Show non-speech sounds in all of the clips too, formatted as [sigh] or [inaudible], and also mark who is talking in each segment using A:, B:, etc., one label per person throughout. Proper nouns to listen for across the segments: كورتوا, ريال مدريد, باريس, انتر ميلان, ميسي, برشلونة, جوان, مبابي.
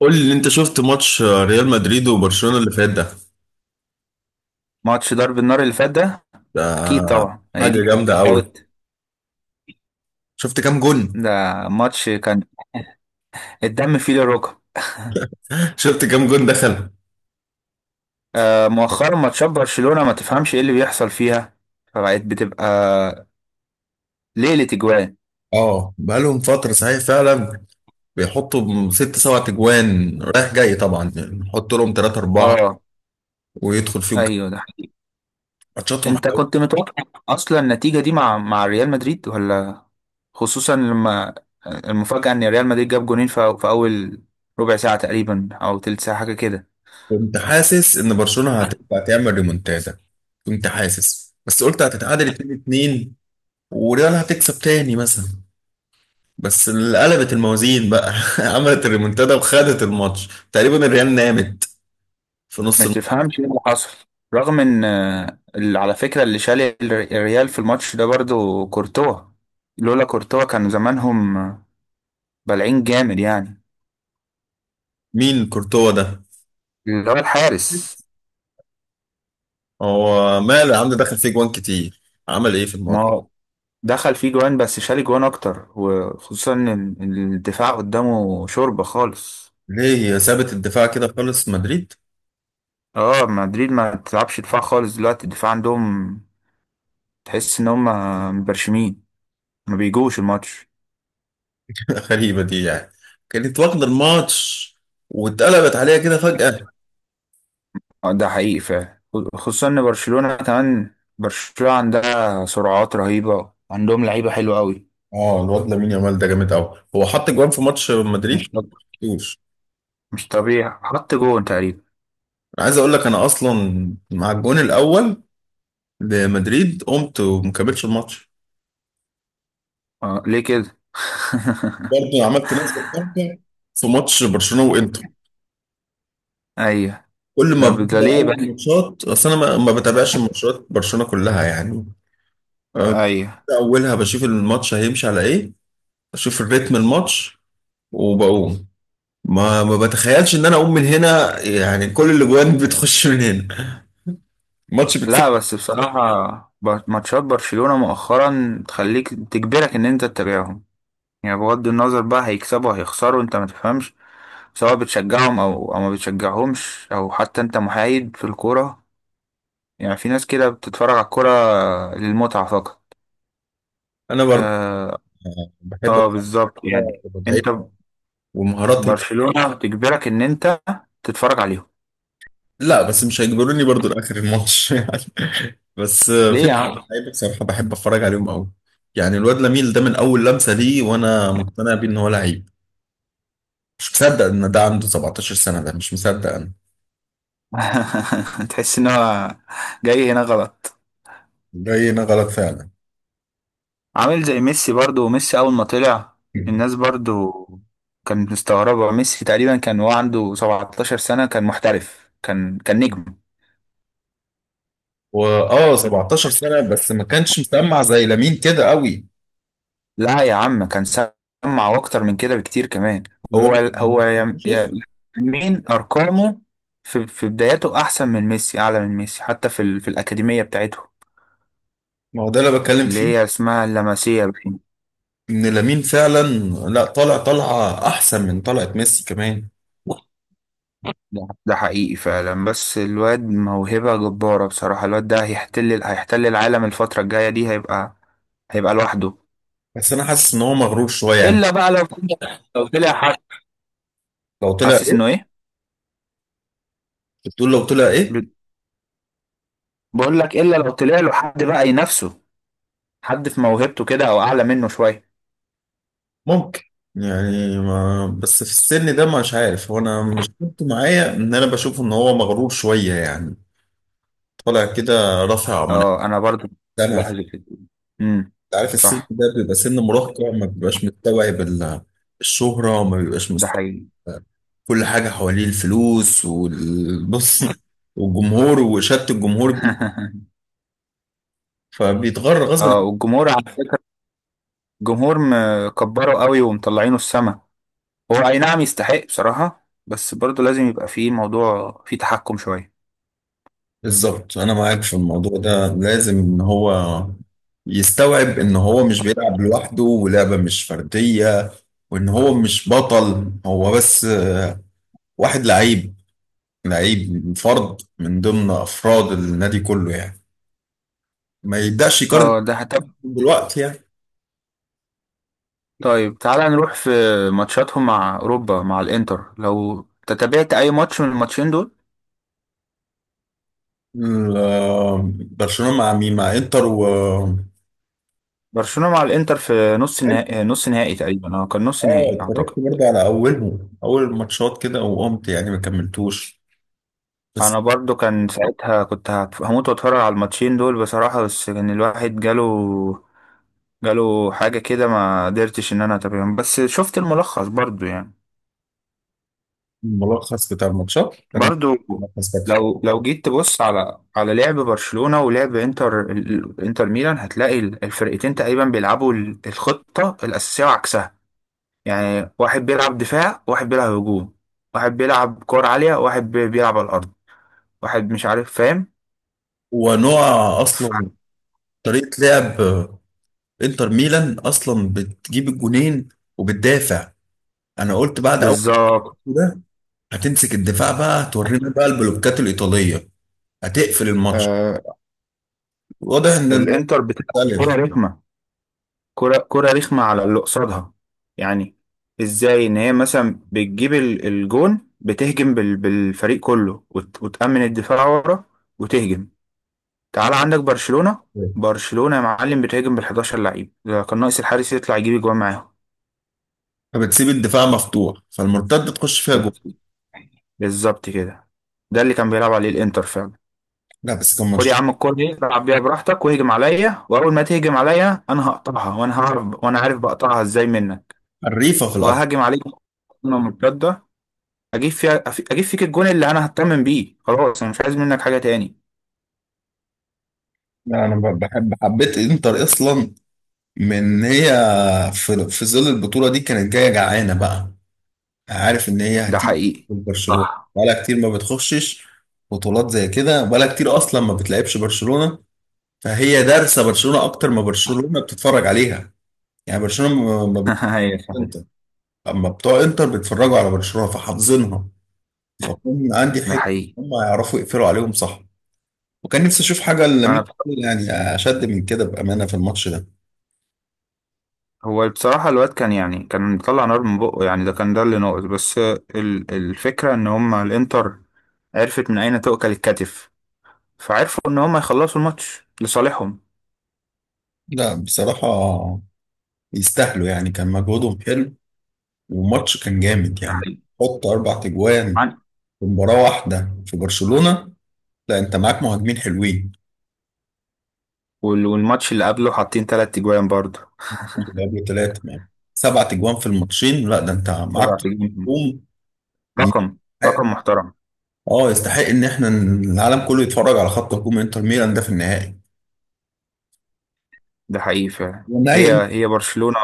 A: قول لي انت شفت ماتش ريال مدريد وبرشلونة اللي فات ده.
B: ماتش ضرب النار اللي فات ده.
A: ده
B: اكيد طبعا، هي
A: حاجة
B: دي حاجة
A: جامدة قوي.
B: تتفوت؟
A: شفت كام جون.
B: ده ماتش كان الدم فيه للركب.
A: [laughs] شفت كام جون دخل.
B: آه، مؤخرا ماتشات برشلونة ما تفهمش ايه اللي بيحصل فيها، فبقت بتبقى ليلة اجوان.
A: اه بقالهم فترة صحيح فعلا. بيحطوا ست سبع تجوان رايح جاي طبعا، يعني نحط لهم ثلاثة أربعة
B: اه
A: ويدخل فيهم.
B: ايوه ده.
A: ماتشاتهم
B: انت
A: حلوة.
B: كنت متوقع اصلا النتيجة دي مع ريال مدريد؟ ولا خصوصا لما المفاجأة ان ريال مدريد جاب جونين في اول ربع ساعة تقريبا او تلت ساعة حاجة كده.
A: كنت حاسس إن برشلونة هتبقى تعمل ريمونتادا. كنت حاسس بس قلت هتتعادل 2-2 وريال هتكسب تاني مثلا. بس اللي قلبت الموازين بقى [laughs] عملت الريمونتادا وخدت الماتش تقريبا، الريال نامت في نص
B: ما
A: الم-.
B: تفهمش ايه اللي حصل، رغم ان اللي على فكرة اللي شال الريال في الماتش ده برضو كورتوا. لولا كورتوا كان زمانهم بلعين جامد يعني.
A: مين كورتوا ده؟
B: اللي هو الحارس.
A: هو ماله يا عم، دخل فيه جوان كتير. عمل ايه في
B: ما
A: الماتش؟
B: هو دخل فيه جوان بس شال جوان اكتر، وخصوصا ان إن الدفاع قدامه شوربة خالص.
A: ليه سابت الدفاع كده خالص مدريد؟
B: اه مدريد ما تلعبش دفاع خالص دلوقتي، الدفاع عندهم تحس ان هم مبرشمين، ما بيجوش الماتش.
A: [laughs] غريبة دي يعني. كانت واخدة الماتش واتقلبت عليها كده فجأة.
B: ده حقيقي فعلا، خصوصا ان برشلونة كمان، برشلونة عندها سرعات رهيبة، عندهم لعيبة حلوة قوي.
A: اه الواد لامين يامال ده جامد قوي، هو حط جوان في ماتش مدريد.
B: مش طب...
A: مش.
B: مش طبيعي، حط جون تقريبا.
A: انا عايز اقول لك انا اصلا مع الجون الاول لمدريد قمت ومكملتش الماتش.
B: آه ليه كده؟ [laughs]
A: برضه عملت نفس الحركه في ماتش برشلونه وانتر.
B: ايوه.
A: كل ما
B: ده
A: بقدر
B: ليه
A: اول
B: بقى؟
A: ماتشات، اصل انا ما بتابعش ماتشات برشلونه كلها يعني. أه،
B: ايوه.
A: ببدأ اولها بشوف الماتش هيمشي على ايه، اشوف الريتم الماتش وبقوم. ما بتخيلش ان انا اقوم من هنا، يعني كل الاجوان [laughs] بتخش من هنا، الماتش بتفت.
B: لا بس بصراحة، ماتشات برشلونة مؤخرا تخليك تجبرك ان انت تتابعهم. يعني بغض النظر بقى هيكسبوا هيخسروا، انت ما تفهمش. سواء بتشجعهم او ما بتشجعهمش، او حتى انت محايد في الكورة. يعني في ناس كده بتتفرج على الكرة للمتعة فقط.
A: انا برضه
B: اه.
A: بحب
B: آه بالظبط،
A: الكوره
B: يعني انت
A: ومتعتها ومهارات.
B: برشلونة بتجبرك ان انت تتفرج عليهم.
A: لا بس مش هيجبروني برضو لاخر الماتش [laughs] يعني. بس
B: ليه
A: في
B: يا عم؟
A: لعيبه بصراحه بحب اتفرج عليهم قوي. يعني الواد لميل ده من اول لمسه ليه وانا مقتنع بيه ان هو لعيب. مش مصدق ان ده عنده 17 سنه، ده مش مصدق انا.
B: [laughs] تحس ان هو جاي هنا غلط.
A: جاينا غلط فعلا.
B: عامل زي ميسي، برضو ميسي اول ما طلع الناس برضو كانت مستغربة. ميسي تقريبا كان هو عنده 17 سنة كان محترف، كان كان نجم.
A: واه 17 سنه بس ما كانش مسمع زي لامين كده قوي.
B: لا يا عم كان سمع واكتر من كده بكتير كمان. هو
A: لدرجه إن
B: هو
A: هو
B: يم-
A: 18.
B: يم- مين ارقامه في بداياته احسن من ميسي، اعلى من ميسي، حتى في الاكاديميه بتاعته
A: ما هو ده اللي بتكلم
B: اللي
A: فيه،
B: هي اسمها اللمسيه باين.
A: ان لامين فعلا لا طالع طالعه احسن من طلعه ميسي كمان.
B: ده حقيقي فعلا، بس الواد موهبه جباره بصراحه. الواد ده هيحتل العالم الفتره الجايه دي، هيبقى هيبقى لوحده.
A: بس انا حاسس ان هو مغرور شويه يعني.
B: الا بقى لو طلع حد،
A: لو طلع
B: حاسس انه
A: إيه؟
B: ايه.
A: بتقول لو طلع ايه؟
B: بقول لك الا لو طلع له حد بقى ينافسه، حد في موهبته كده او اعلى منه شويه.
A: ممكن. يعني ما بس في السن ده مش عارف هو، انا مش كنت معايا ان انا بشوف ان هو مغرور شويه يعني. طالع كده رافع مناكب.
B: اه انا برضو
A: انا انت
B: بلاحظ كده. امم
A: عارف السن
B: صح.
A: ده بيبقى سن مراهقه، ما بيبقاش مستوعب ال- الشهره، ما بيبقاش
B: ده
A: مستوعب
B: حقيقي.
A: كل حاجه حواليه، الفلوس والبص [laughs] والجمهور وشت الجمهور بيه
B: [laughs]
A: فبيتغر
B: اه
A: غصب.
B: والجمهور عارف، الجمهور مكبره قوي ومطلعينه السما. هو اي نعم يستحق بصراحة، بس برضو لازم يبقى فيه موضوع فيه تحكم شوية.
A: بالظبط انا معاك في الموضوع ده، لازم ان هو يستوعب ان هو مش بيلعب لوحده ولعبة مش فردية، وان هو مش بطل هو بس. واحد لعيب، لعيب فرد من ضمن افراد النادي كله يعني. ما يبداش يقارن
B: اه ده حتى.
A: دلوقتي يعني.
B: طيب تعالى نروح في ماتشاتهم مع اوروبا، مع الانتر. لو تتابعت اي ماتش من الماتشين دول،
A: ال- برشلونة مع مين، مع انتر و
B: برشلونة مع الانتر في نص
A: حلو.
B: نهائي، نص نهائي تقريبا، اه كان نص
A: اه
B: نهائي
A: اتفرجت
B: اعتقد.
A: برضه على اولهم اول الماتشات كده وقمت يعني ما كملتوش. بس
B: انا برضو كان ساعتها كنت هموت واتفرج على الماتشين دول بصراحة، بس كان الواحد جاله جاله حاجة كده، ما قدرتش ان انا اتابعهم، بس شفت الملخص برضو يعني.
A: الملخص بتاع الماتشات انا
B: برضو
A: ملخص
B: لو جيت تبص على على لعب برشلونة ولعب انتر، انتر ميلان، هتلاقي الفرقتين تقريبا بيلعبوا الخطة الأساسية وعكسها. يعني واحد بيلعب دفاع واحد بيلعب هجوم، واحد بيلعب كور عالية واحد بيلعب على الأرض، واحد مش عارف فاهم.
A: ونوع.
B: ف-
A: اصلا طريقه لعب انتر ميلان اصلا بتجيب الجونين وبتدافع. انا قلت بعد اول
B: بالظبط.
A: ده هتمسك الدفاع بقى، هتورينا بقى البلوكات الايطاليه، هتقفل الماتش.
B: آه،
A: واضح ان الموضوع
B: الانتر بتلعب كرة
A: مختلف.
B: رخمة، كرة رخمة على اللي قصادها. يعني ازاي ان هي مثلا بتجيب الجون، بتهجم بالفريق كله وتأمن الدفاع ورا، وتهجم. تعال عندك برشلونة، برشلونة يا معلم بتهاجم بال 11 لعيب، ده كان ناقص الحارس يطلع يجيب اجوان معاهم.
A: فبتسيب الدفاع مفتوح فالمرتده تخش فيها جول.
B: بالظبط كده، ده اللي كان بيلعب عليه الانتر فعلا.
A: لا بس كان
B: خد يا
A: ماتش
B: عم الكورة دي العب بيها براحتك واهجم عليا، واول ما تهجم عليا انا هقطعها، وانا هعرف وانا عارف بقطعها ازاي منك،
A: حريفه في الارض.
B: وهاجم عليك هجمة مرتدة اجيب فيها، اجيب فيك الجون اللي انا هتمم بيه، خلاص انا مش عايز منك حاجة تاني.
A: لا انا ب- بحب حبيت انتر اصلا من هي، في في ظل البطوله دي كانت جايه جعانه بقى. عارف ان هي
B: ده
A: هتيجي
B: حقيقي.
A: من برشلونه.
B: صح.
A: بقالها كتير ما بتخشش بطولات زي كده، بقالها كتير اصلا ما بتلعبش برشلونه. فهي دارسه برشلونه اكتر ما برشلونه بتتفرج عليها. يعني برشلونه ما بت...
B: [laughs] ايوه صحيح.
A: انتر اما بتوع انتر بيتفرجوا على برشلونه فحافظينها، فكون عندي
B: ده
A: حته.
B: حقيقي.
A: هم يعرفوا يقفلوا عليهم صح. وكان نفسي اشوف حاجه
B: انا
A: لامين
B: بص-
A: يعني اشد من كده بامانه في الماتش ده.
B: هو بصراحة الواد كان يعني كان بيطلع نار من بقه يعني، ده كان ده اللي ناقص، بس الفكرة ان هما الانتر عرفت من اين تؤكل الكتف، فعرفوا ان هما يخلصوا الماتش لصالحهم.
A: لا بصراحه يستاهلوا يعني، كان مجهودهم حلو والماتش كان جامد
B: ده
A: يعني.
B: حقيقي.
A: حط اربع تجوان
B: عن-
A: في مباراة واحدة في برشلونة. لا انت معاك مهاجمين حلوين.
B: والماتش اللي قبله حاطين 3 تجوان برضه.
A: جابوا ثلاثة معاك، سبعة اجوان في الماتشين. لا ده انت معاك
B: 7 تجوان،
A: هجوم
B: رقم
A: يستحق-.
B: رقم محترم.
A: اه يستحق ان احنا ن- العالم كله يتفرج على خط هجوم انتر ميلان ده في النهائي.
B: ده حقيقي فعلا.
A: والنهائي
B: هي
A: انت
B: هي برشلونة.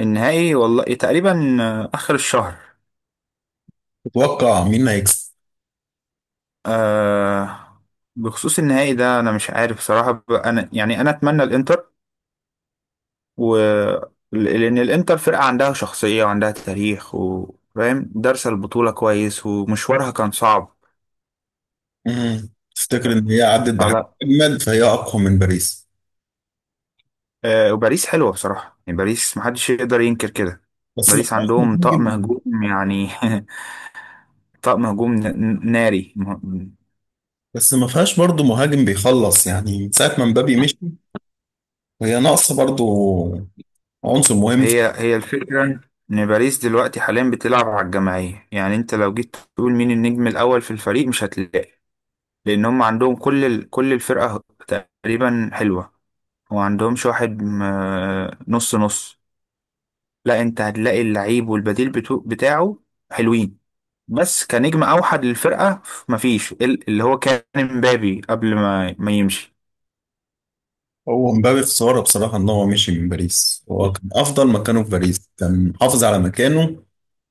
B: النهائي والله تقريبا آخر الشهر.
A: تتوقع مين اللي هيكسب؟
B: آه بخصوص النهائي ده أنا مش عارف صراحة، أنا يعني أنا أتمنى الإنتر. و لأن الإنتر فرقة عندها شخصية وعندها تاريخ وفاهم، دارسة البطولة كويس ومشوارها كان صعب.
A: مم. تفتكر ان هي عدت بحاجة
B: على
A: اجمل فهي اقوى من باريس؟
B: آه، وباريس حلوة بصراحة، يعني باريس محدش يقدر ينكر كده.
A: بس ما
B: باريس
A: فيهاش
B: عندهم
A: مهاجم.
B: طقم هجوم يعني، [laughs] طقم هجوم ناري.
A: بس ما فيهاش برضه مهاجم بيخلص، يعني من ساعة ما مبابي مشي وهي ناقصة برضه عنصر مهم.
B: هي الفكرة، إن باريس دلوقتي حاليا بتلعب على الجماعية. يعني أنت لو جيت تقول مين النجم الأول في الفريق مش هتلاقي، لأن هم عندهم كل الفرقة تقريبا حلوة، وما عندهمش واحد نص نص. لا أنت هتلاقي اللعيب والبديل بتاعه حلوين، بس كنجم أوحد للفرقة مفيش اللي هو كان مبابي قبل ما يمشي.
A: هو مبابي خسارة بصراحة إن هو مشي من باريس، هو كان أفضل مكانه في باريس، كان محافظ على مكانه.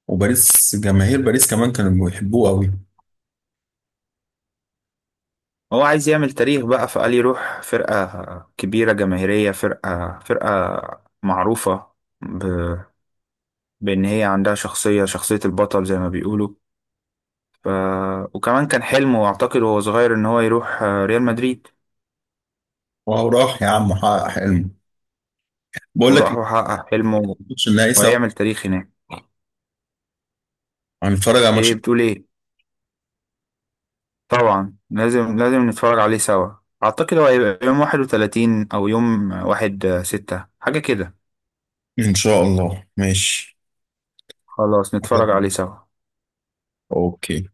A: وباريس جماهير باريس كمان كانوا بيحبوه أوي.
B: هو عايز يعمل تاريخ بقى فقال يروح فرقة كبيرة جماهيرية، فرقة معروفة، ب... بإن هي عندها شخصية، شخصية البطل زي ما بيقولوا. ف... وكمان كان حلمه أعتقد وهو صغير إن هو يروح ريال مدريد.
A: وهو راح يا عم حقق حلمه. بقول لك
B: وراح
A: إيه،
B: وحقق حلمه
A: ماتش النهائي سوا
B: وهيعمل تاريخ هناك.
A: هنتفرج على
B: إيه
A: ماتش.
B: بتقول إيه؟ طبعا لازم، لازم نتفرج عليه سوا. أعتقد هو هيبقى يوم 31 أو يوم واحد 6 حاجة كده.
A: إن شاء الله ماشي.
B: خلاص نتفرج عليه سوا.
A: أوكي.